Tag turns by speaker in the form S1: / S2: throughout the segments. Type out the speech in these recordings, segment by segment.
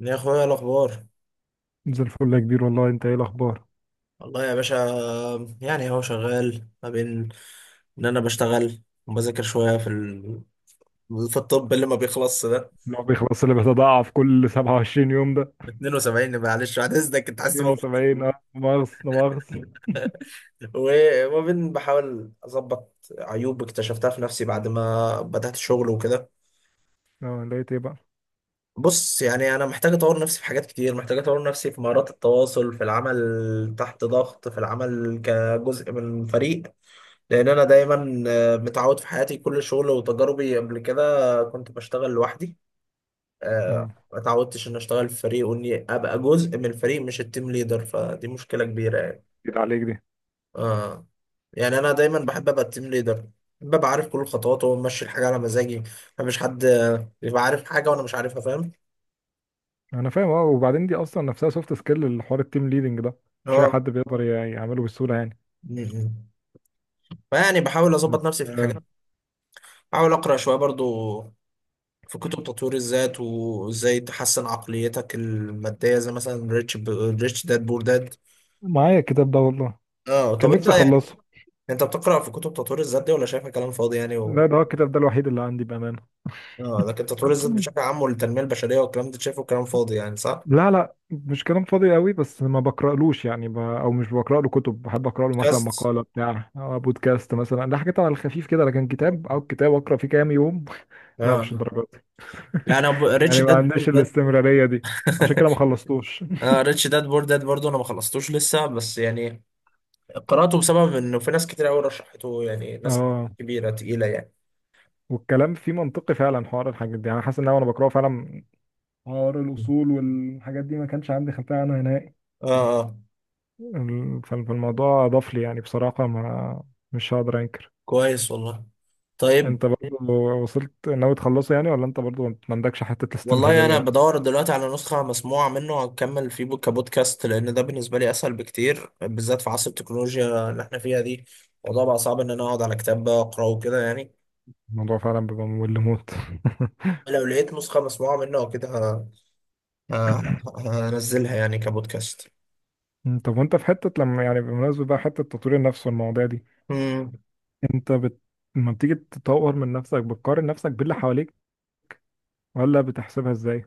S1: يا اخويا، إيه الاخبار؟
S2: زي الفل يا كبير، والله انت ايه الاخبار؟
S1: والله يا باشا، يعني هو شغال ما بين ان انا بشتغل وبذاكر شويه في الطب اللي ما بيخلصش ده.
S2: اللي هو بيخلص، اللي بيتضاعف كل 27 يوم ده؟
S1: 72، معلش بعد اذنك، انت عايز تموت؟
S2: 72، مؤاخذة، لا مؤاخذة.
S1: وما بين بحاول اظبط عيوب اكتشفتها في نفسي بعد ما بدات الشغل وكده.
S2: اه، لقيت ايه بقى؟
S1: بص يعني انا محتاج اطور نفسي في حاجات كتير، محتاج اطور نفسي في مهارات التواصل، في العمل تحت ضغط، في العمل كجزء من فريق. لان انا دايما متعود في حياتي، كل شغل وتجاربي قبل كده كنت بشتغل لوحدي.
S2: اه،
S1: ما اتعودتش ان اشتغل في فريق، واني ابقى جزء من الفريق مش التيم ليدر، فدي مشكله كبيره يعني.
S2: جيت عليك دي.
S1: اه، يعني انا دايما بحب ابقى التيم ليدر، ببقى عارف كل الخطوات وماشي الحاجه على مزاجي. مفيش حد يبقى عارف حاجه وانا مش عارفها، فاهم.
S2: انا فاهم، اه. وبعدين دي اصلا نفسها سوفت سكيل، الحوار التيم ليدنج ده مش اي
S1: اه.
S2: حد بيقدر يعمله بسهولة يعني.
S1: م- م. فيعني بحاول اظبط
S2: بس
S1: نفسي في الحاجات. بحاول اقرا شويه برضو، في كتب تطوير الذات وازاي تحسن عقليتك المادية، زي مثلا ريتش داد بور داد.
S2: معايا الكتاب ده والله،
S1: اه،
S2: كان
S1: طب انت
S2: نفسي
S1: يعني،
S2: اخلصه.
S1: انت بتقرأ في كتب تطوير الذات دي ولا شايفها كلام فاضي يعني
S2: لا، ده هو الكتاب ده الوحيد اللي عندي بأمانة.
S1: اه، لكن تطوير الذات بشكل عام والتنمية البشرية والكلام ده شايفه كلام فاضي يعني، صح؟
S2: لا، لا، مش كلام فاضي قوي، بس ما بقرألوش يعني او مش بقرأ له كتب، بحب أقرأ له مثلا
S1: بودكاست.
S2: مقالة بتاع أو بودكاست مثلا، ده حاجات على الخفيف كده، لكن كتاب او كتاب أقرأ فيه كام يوم. لا، مش
S1: اه،
S2: الدرجات دي.
S1: يعني ريتش
S2: يعني ما
S1: داد بور
S2: عندناش
S1: داد.
S2: الاستمرارية دي، عشان كده ما خلصتوش.
S1: اه، ريتش داد بور داد برضه انا ما خلصتوش لسه، بس يعني قرأته بسبب انه في ناس كتير قوي رشحته، يعني ناس
S2: اه.
S1: كبيرة تقيلة يعني.
S2: والكلام فيه منطقي فعلا، حوار الحاجات دي، يعني حاسس ان انا وانا بقراه فعلا حوار
S1: اه.
S2: الاصول والحاجات دي ما كانش عندي خلفيه عنها نهائي.
S1: اه،
S2: فالموضوع اضاف لي يعني بصراحه، ما، مش هقدر انكر.
S1: كويس والله. طيب.
S2: انت برضه وصلت ناوي تخلصه يعني، ولا انت برضه ما عندكش حتة
S1: والله
S2: الاستمرارية
S1: انا
S2: دي؟
S1: بدور دلوقتي على نسخه مسموعه منه، هكمل فيه كبودكاست، لان ده بالنسبه لي اسهل بكتير بالذات في عصر التكنولوجيا اللي احنا فيها دي. الموضوع بقى صعب ان انا اقعد على كتاب اقراه وكده يعني.
S2: الموضوع فعلا بيبقى ممل موت.
S1: لو لقيت نسخه مسموعه منه او كده، هنزلها يعني كبودكاست.
S2: مم، طب وانت في حتة، لما يعني بمناسبة بقى حتة تطوير النفس والمواضيع دي،
S1: مم.
S2: انت بت... لما بتيجي تطور من نفسك بتقارن نفسك باللي حواليك، ولا بتحسبها ازاي؟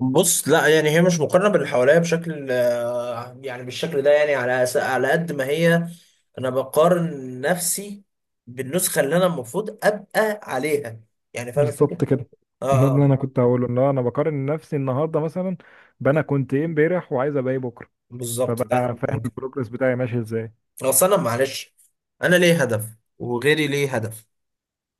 S1: بص، لا يعني هي مش مقارنه باللي حواليا بشكل، يعني بالشكل ده، يعني على قد ما هي، انا بقارن نفسي بالنسخه اللي انا المفروض ابقى عليها، يعني فاهم الفكره.
S2: بالظبط كده. ده
S1: اه.
S2: اللي
S1: آه.
S2: انا كنت هقوله، ان هو انا بقارن نفسي النهارده مثلا بانا كنت ايه امبارح، وعايز ابقى ايه بكره،
S1: بالظبط، ده
S2: فبقى
S1: اهم
S2: فاهم
S1: حاجه.
S2: البروجرس بتاعي ماشي ازاي.
S1: اصل انا معلش، انا ليه هدف وغيري ليه هدف.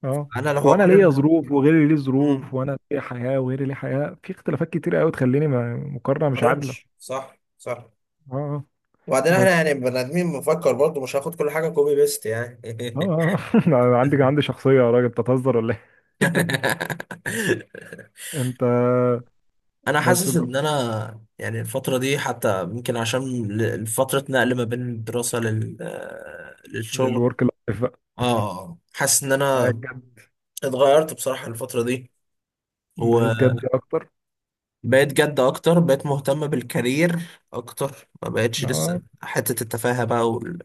S2: اه.
S1: انا لو
S2: وانا ليا
S1: هقارن،
S2: ظروف وغيري ليه ظروف،
S1: مم،
S2: وانا ليا حياه وغيري ليه حياه، في اختلافات كتير قوي تخليني
S1: ما
S2: مقارنه مش
S1: اقارنش.
S2: عادله.
S1: صح، صح.
S2: اه آه.
S1: وبعدين احنا
S2: بس
S1: يعني بني ادمين بنفكر برضه، مش هاخد كل حاجه كوبي بيست يعني.
S2: اه آه. أنا عندي شخصيه، يا راجل بتهزر ولا ايه؟ انت.
S1: انا
S2: بس
S1: حاسس
S2: بقى،
S1: ان انا، يعني الفتره دي حتى يمكن عشان فتره نقل ما بين الدراسه لل آه، للشغل.
S2: الورك لايف بقى.
S1: اه. حاسس ان
S2: بقيت
S1: انا
S2: جد.
S1: اتغيرت بصراحه الفتره دي.
S2: بقيت جد اكتر.
S1: بقيت جد اكتر، بقيت مهتم بالكارير اكتر، ما بقتش لسه
S2: اه،
S1: حتة التفاهة بقى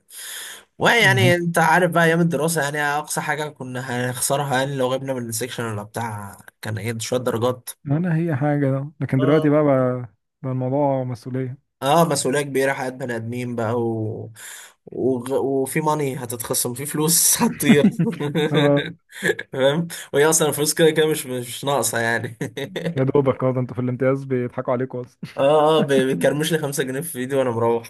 S1: ويعني
S2: مهم.
S1: انت عارف بقى، ايام الدراسة يعني اقصى حاجة كنا هنخسرها يعني لو غبنا من السكشن ولا بتاع، كان ايه، شوية درجات.
S2: انا هي حاجه ده، لكن دلوقتي
S1: اه.
S2: بقى بقى الموضوع مسؤوليه.
S1: اه، مسؤولية كبيرة، حياة بني ادمين بقى وفي ماني هتتخصم، في فلوس هتطير.
S2: اه.
S1: فاهم. وهي اصلا الفلوس كده كده مش ناقصة يعني.
S2: يا دوبك، اه، ده انتوا في الامتياز بيضحكوا عليكوا اصلا.
S1: اه. اه، بيكرمش لي 5 جنيه في ايدي وانا مروح.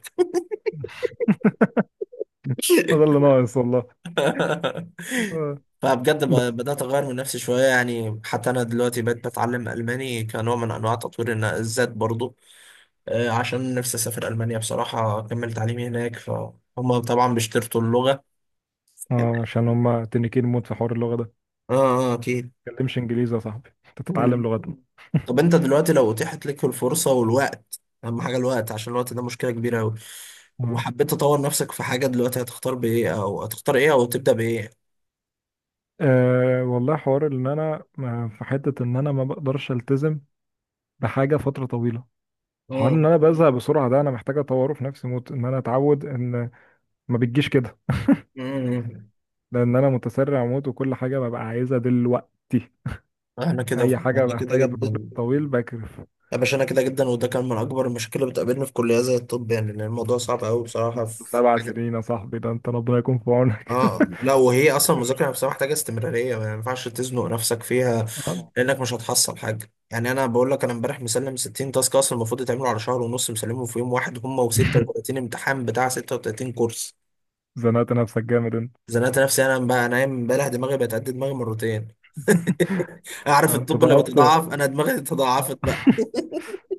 S2: ده اللي ناقص والله. آه.
S1: فبجد بدأت أغير من نفسي شوية يعني، حتى أنا دلوقتي بقيت بتعلم ألماني كنوع من أنواع تطوير الذات برضو. عشان نفسي أسافر ألمانيا بصراحة أكمل تعليمي هناك، فهم طبعا بيشترطوا اللغة.
S2: اه، عشان هما تنكين موت في حوار اللغة ده.
S1: آه. آه، أكيد.
S2: ما تتكلمش انجليزي يا صاحبي، انت تتعلم
S1: مم.
S2: لغتنا.
S1: طب أنت دلوقتي لو أتيحت لك الفرصة والوقت، أهم حاجة الوقت عشان الوقت ده مشكلة كبيرة أوي،
S2: اه
S1: وحبيت تطور نفسك في حاجة دلوقتي، هتختار بإيه أو هتختار إيه أو تبدأ بإيه؟
S2: آه، والله حوار ان انا في حتة ان انا ما بقدرش التزم بحاجة فترة طويلة. حوار ان
S1: مم.
S2: انا بزهق بسرعة، ده انا محتاج اطوره في نفسي موت، ان انا اتعود ان، ما بتجيش كده.
S1: مم.
S2: لان انا متسرع موت، وكل حاجة ببقى عايزها دلوقتي.
S1: أنا
S2: اي
S1: كده،
S2: حاجة
S1: أنا كده
S2: محتاجة بروجرام
S1: جدا.
S2: طويل بكرف.
S1: يا باشا انا كده جدا، وده كان من اكبر المشاكل اللي بتقابلني في كليه زي الطب يعني، لان الموضوع صعب قوي بصراحه في
S2: سبع
S1: حاجه.
S2: سنين يا صاحبي، ده انت ربنا يكون في عونك.
S1: اه، لا وهي اصلا المذاكره نفسها محتاجه استمراريه، ما ينفعش تزنق نفسك فيها،
S2: آه،
S1: لانك مش هتحصل حاجه يعني. انا بقول لك، انا امبارح مسلم 60 تاسك اصلا المفروض يتعملوا على شهر ونص، مسلمهم في يوم واحد، هم و36 امتحان بتاع 36 كورس.
S2: زنقت نفسك جامد انت.
S1: زنقت نفسي انا بقى. انا امبارح دماغي بقت قد دماغي مرتين. اعرف
S2: آه، انت
S1: الطب لما
S2: ضغطت.
S1: بتضعف انا دماغي تضاعفت.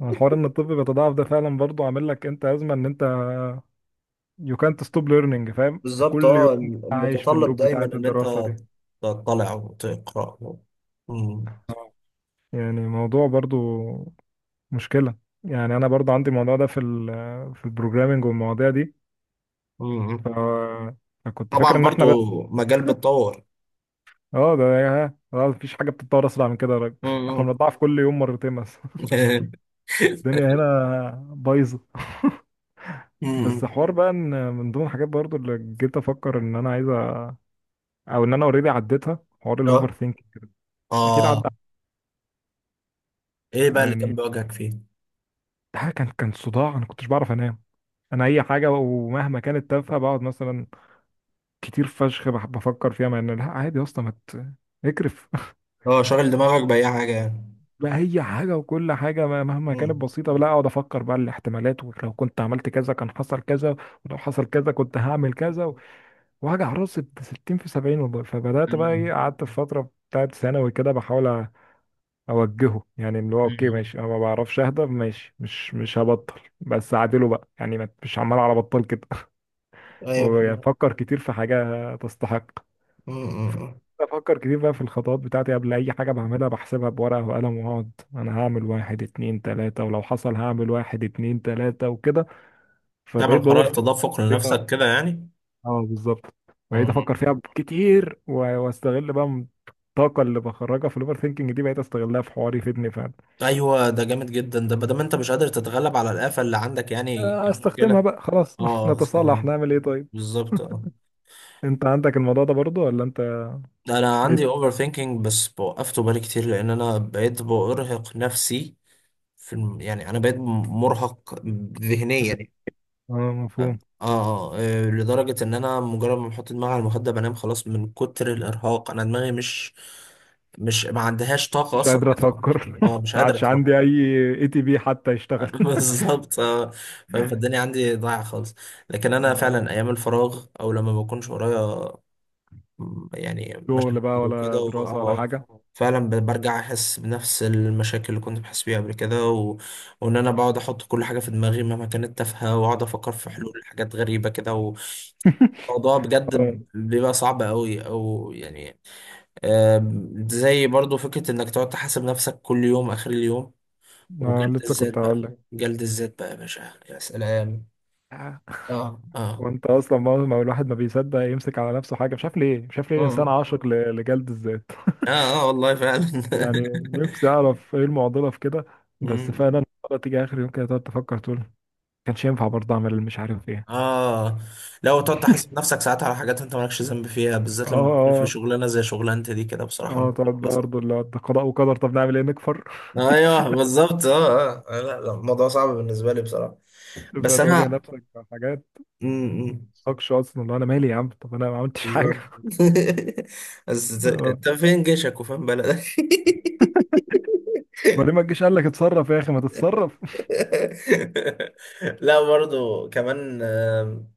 S2: الحوار ان الطب بيتضاعف ده فعلا برضه عامل لك انت ازمه، ان انت يو كانت ستوب ليرنينج، فاهم؟ انت
S1: بالظبط،
S2: كل
S1: اه،
S2: يوم عايش في
S1: المتطلب
S2: اللوب
S1: دايما
S2: بتاعه
S1: ان انت
S2: الدراسه دي.
S1: تطلع وتقرا. مم.
S2: يعني موضوع برضه، مشكله. يعني انا برضه عندي الموضوع ده في ال، في البروجرامينج والمواضيع دي. ف
S1: مم.
S2: فكنت فاكر
S1: طبعا،
S2: ان احنا
S1: برضو
S2: بس،
S1: مجال بيتطور.
S2: اه. ده يا اه، مفيش حاجه بتتطور اسرع من كده يا راجل. احنا
S1: مم.
S2: بنضاعف كل يوم مرتين بس. الدنيا هنا بايظه. بس
S1: مم.
S2: حوار بقى، ان من ضمن الحاجات برضو اللي جيت افكر ان انا عايز او ان انا اوريدي عديتها، حوار
S1: اه.
S2: الاوفر ثينك. اكيد
S1: اه،
S2: عدى.
S1: ايه بقى اللي كان
S2: يعني
S1: بيواجهك فيه؟
S2: ده كان صداع، انا كنتش بعرف انام. انا اي حاجه ومهما كانت تافهه، بقعد مثلا كتير فشخ بفكر فيها، مع ان لا عادي يا اسطى، ما ت- اكرف.
S1: اه، شاغل دماغك باي حاجه يعني.
S2: بقى اي حاجه وكل حاجه، مهما كانت
S1: مم.
S2: بسيطه، لا اقعد افكر بقى الاحتمالات، ولو كنت عملت كذا كان حصل كذا، ولو حصل كذا كنت هعمل كذا واوجع راسي ب 60 في 70 والله. فبدات بقى
S1: مم.
S2: ايه، قعدت في فتره بتاعت ثانوي كده بحاول اوجهه، يعني اللي هو اوكي
S1: مم.
S2: ماشي، انا ما بعرفش اهدى، ماشي مش هبطل، بس اعدله بقى يعني، مش عمال على بطال كده.
S1: ايوه، فهمت.
S2: وافكر كتير في حاجه تستحق.
S1: مم.
S2: افكر كتير بقى في الخطوات بتاعتي قبل اي حاجه بعملها، بحسبها بورقه وقلم، واقعد انا هعمل واحد اتنين تلاته، ولو حصل هعمل واحد اتنين تلاته وكده.
S1: تعمل
S2: فبقيت باور
S1: قرار
S2: ثينك
S1: تدفق
S2: بطريقة-
S1: لنفسك كده يعني.
S2: اه، بالظبط. بقيت
S1: مم.
S2: افكر فيها كتير واستغل بقى الطاقه اللي بخرجها في الاوفر ثينكينج دي، بقيت استغلها في حواري يفيدني.
S1: ايوه، ده جامد جدا، ده ما دام انت مش قادر تتغلب على الآفة اللي عندك يعني
S2: آه، استخدمها
S1: كمشكلة.
S2: بقى، خلاص.
S1: اه،
S2: نتصالح،
S1: استخدمها.
S2: نعمل ايه طيب؟
S1: بالظبط اه.
S2: انت عندك الموضوع ده برضو ولا انت؟
S1: انا
S2: ايه؟
S1: عندي اوفر ثينكينج بس وقفته بالي كتير، لان انا بقيت بارهق نفسي يعني انا بقيت مرهق، ذهنيا
S2: ز-
S1: يعني.
S2: اه،
S1: اه.
S2: مفهوم.
S1: اه. لدرجة ان انا مجرد ما بحط دماغي على المخدة بنام خلاص، من كتر الارهاق انا دماغي مش مش ما عندهاش طاقة
S2: مش
S1: اصلا
S2: قادر
S1: إنها تفكر،
S2: افكر.
S1: اه مش
S2: ما
S1: قادرة
S2: عادش
S1: تفكر.
S2: عندي اي، اي تي بي حتى يشتغل.
S1: بالظبط اه. فاهم. فالدنيا عندي ضايعة خالص. لكن انا
S2: آه،
S1: فعلا ايام الفراغ او لما ما بكونش ورايا يعني
S2: شغل
S1: مشاكل
S2: بقى
S1: وكده
S2: ولا
S1: اه،
S2: دراسة ولا
S1: آه،
S2: حاجة؟
S1: فعلا برجع احس بنفس المشاكل اللي كنت بحس بيها قبل كده، و... وان انا بقعد احط كل حاجه في دماغي مهما كانت تافهه، واقعد افكر في حلول حاجات غريبه كده. وموضوع بجد
S2: اه
S1: بيبقى صعب قوي او يعني. زي برضو فكره انك تقعد تحاسب نفسك كل يوم اخر اليوم،
S2: آه،
S1: وجلد
S2: لسه
S1: الذات
S2: كنت
S1: بقى.
S2: هقول لك.
S1: جلد الذات بقى يا باشا، يا سلام. اه. اه.
S2: وانت اصلا ما الواحد ما بيصدق يمسك على نفسه حاجة، مش عارف ليه، مش عارف ليه الانسان
S1: اه.
S2: عاشق لجلد الذات.
S1: اه. آه والله فعلا.
S2: يعني نفسي اعرف ايه المعضلة في كده. بس
S1: مم.
S2: فعلا المعضلة تيجي اخر يوم كده، تقعد تفكر، تقول كانش ينفع برضه اعمل مش عارف ايه.
S1: اه، لو تقعد تحاسب نفسك ساعات على حاجات انت مالكش ذنب فيها،
S2: اه،
S1: بالذات لما تكون في
S2: اه،
S1: شغلانه زي شغلانتي دي كده بصراحه
S2: اه. تقعد
S1: بتبقى
S2: بقى برضه
S1: صعبة.
S2: اللي هو، ده قضاء وقدر، طب نعمل ايه، نكفر.
S1: ايوه، بالظبط. اه. اه. آه. لا لا، الموضوع صعب بالنسبه لي بصراحه.
S2: تبدأ
S1: بس
S2: تواجه
S1: انا
S2: نفسك مع حاجات
S1: م- م.
S2: مالكش اصلا، اللي هو انا مالي يا عم، طب انا ما عملتش حاجة.
S1: بالظبط. بس
S2: اه.
S1: انت فين جيشك وفين بلدك.
S2: بعدين ما تجيش قال لك اتصرف يا اخي، ما تتصرف.
S1: لا برضو كمان،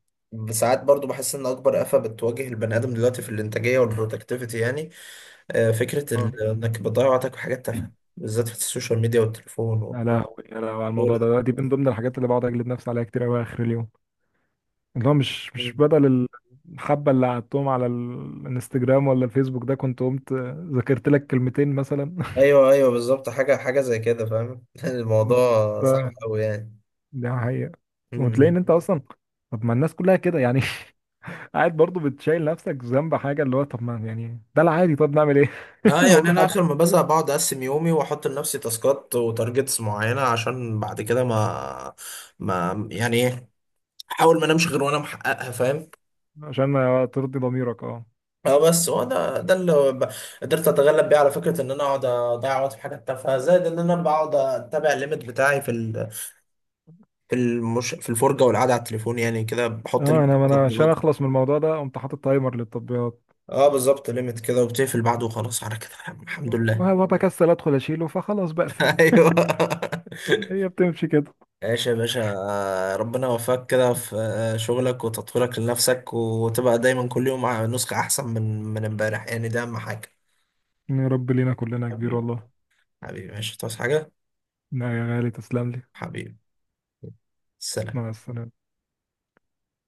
S1: ساعات برضو بحس ان اكبر آفة بتواجه البني ادم دلوقتي في الانتاجيه والبرودكتيفيتي يعني. فكرة
S2: اه.
S1: إنك بتضيع وقتك في حاجات تافهة، بالذات في السوشيال ميديا والتليفون
S2: يا لهوي يا لهوي، على
S1: والشغل
S2: الموضوع
S1: ده.
S2: ده، دي من ضمن الحاجات اللي بقعد اجلد نفسي عليها كتير قوي اخر اليوم، اللي هو مش
S1: مم.
S2: بدل الحبه اللي قعدتهم على الانستجرام ولا الفيسبوك ده، كنت قمت ذاكرت لك كلمتين مثلا.
S1: أيوه، أيوه، بالظبط. حاجة حاجة زي كده، فاهم. الموضوع صعب
S2: ده
S1: أوي يعني.
S2: ده حقيقه. وتلاقي
S1: مم.
S2: ان انت اصلا، طب ما الناس كلها كده يعني. قاعد برضه بتشيل نفسك ذنب حاجه، اللي هو طب ما يعني ده العادي، طب نعمل ايه.
S1: اه،
S2: هو
S1: يعني
S2: في
S1: انا
S2: حد؟
S1: اخر ما بزهق بقعد اقسم يومي واحط لنفسي تاسكات وتارجتس معينه، عشان بعد كده ما يعني ايه، احاول ما انامش غير وانا محققها، فاهم.
S2: عشان ما ترضي ضميرك، اه.
S1: اه، بس هو ده اللي قدرت اتغلب بيه على فكره ان انا اقعد اضيع وقت في حاجات تافهه، زائد ان انا بقعد اتابع الليميت بتاعي في الفرجة والقعدة على التليفون، يعني كده بحط
S2: اه،
S1: ليميت
S2: انا ما انا عشان
S1: للتطبيقات.
S2: اخلص من الموضوع ده قمت حاطط تايمر للتطبيقات،
S1: اه، بالظبط، ليميت كده وبتقفل بعده وخلاص على كده. الحمد لله.
S2: وبكسل ادخل اشيله فخلاص بقفل.
S1: ايوه.
S2: هي بتمشي كده.
S1: ايش يا باشا، ربنا يوفقك كده في شغلك وتطويرك لنفسك، وتبقى دايما كل يوم مع نسخة احسن من امبارح، يعني ده اهم حاجة.
S2: يا رب لينا كلنا يا كبير
S1: حبيبي.
S2: والله.
S1: حبيبي، ماشي، تصحى حاجة؟
S2: لا يا غالي، تسلم لي.
S1: حبيبي. سلام.
S2: مع السلامه.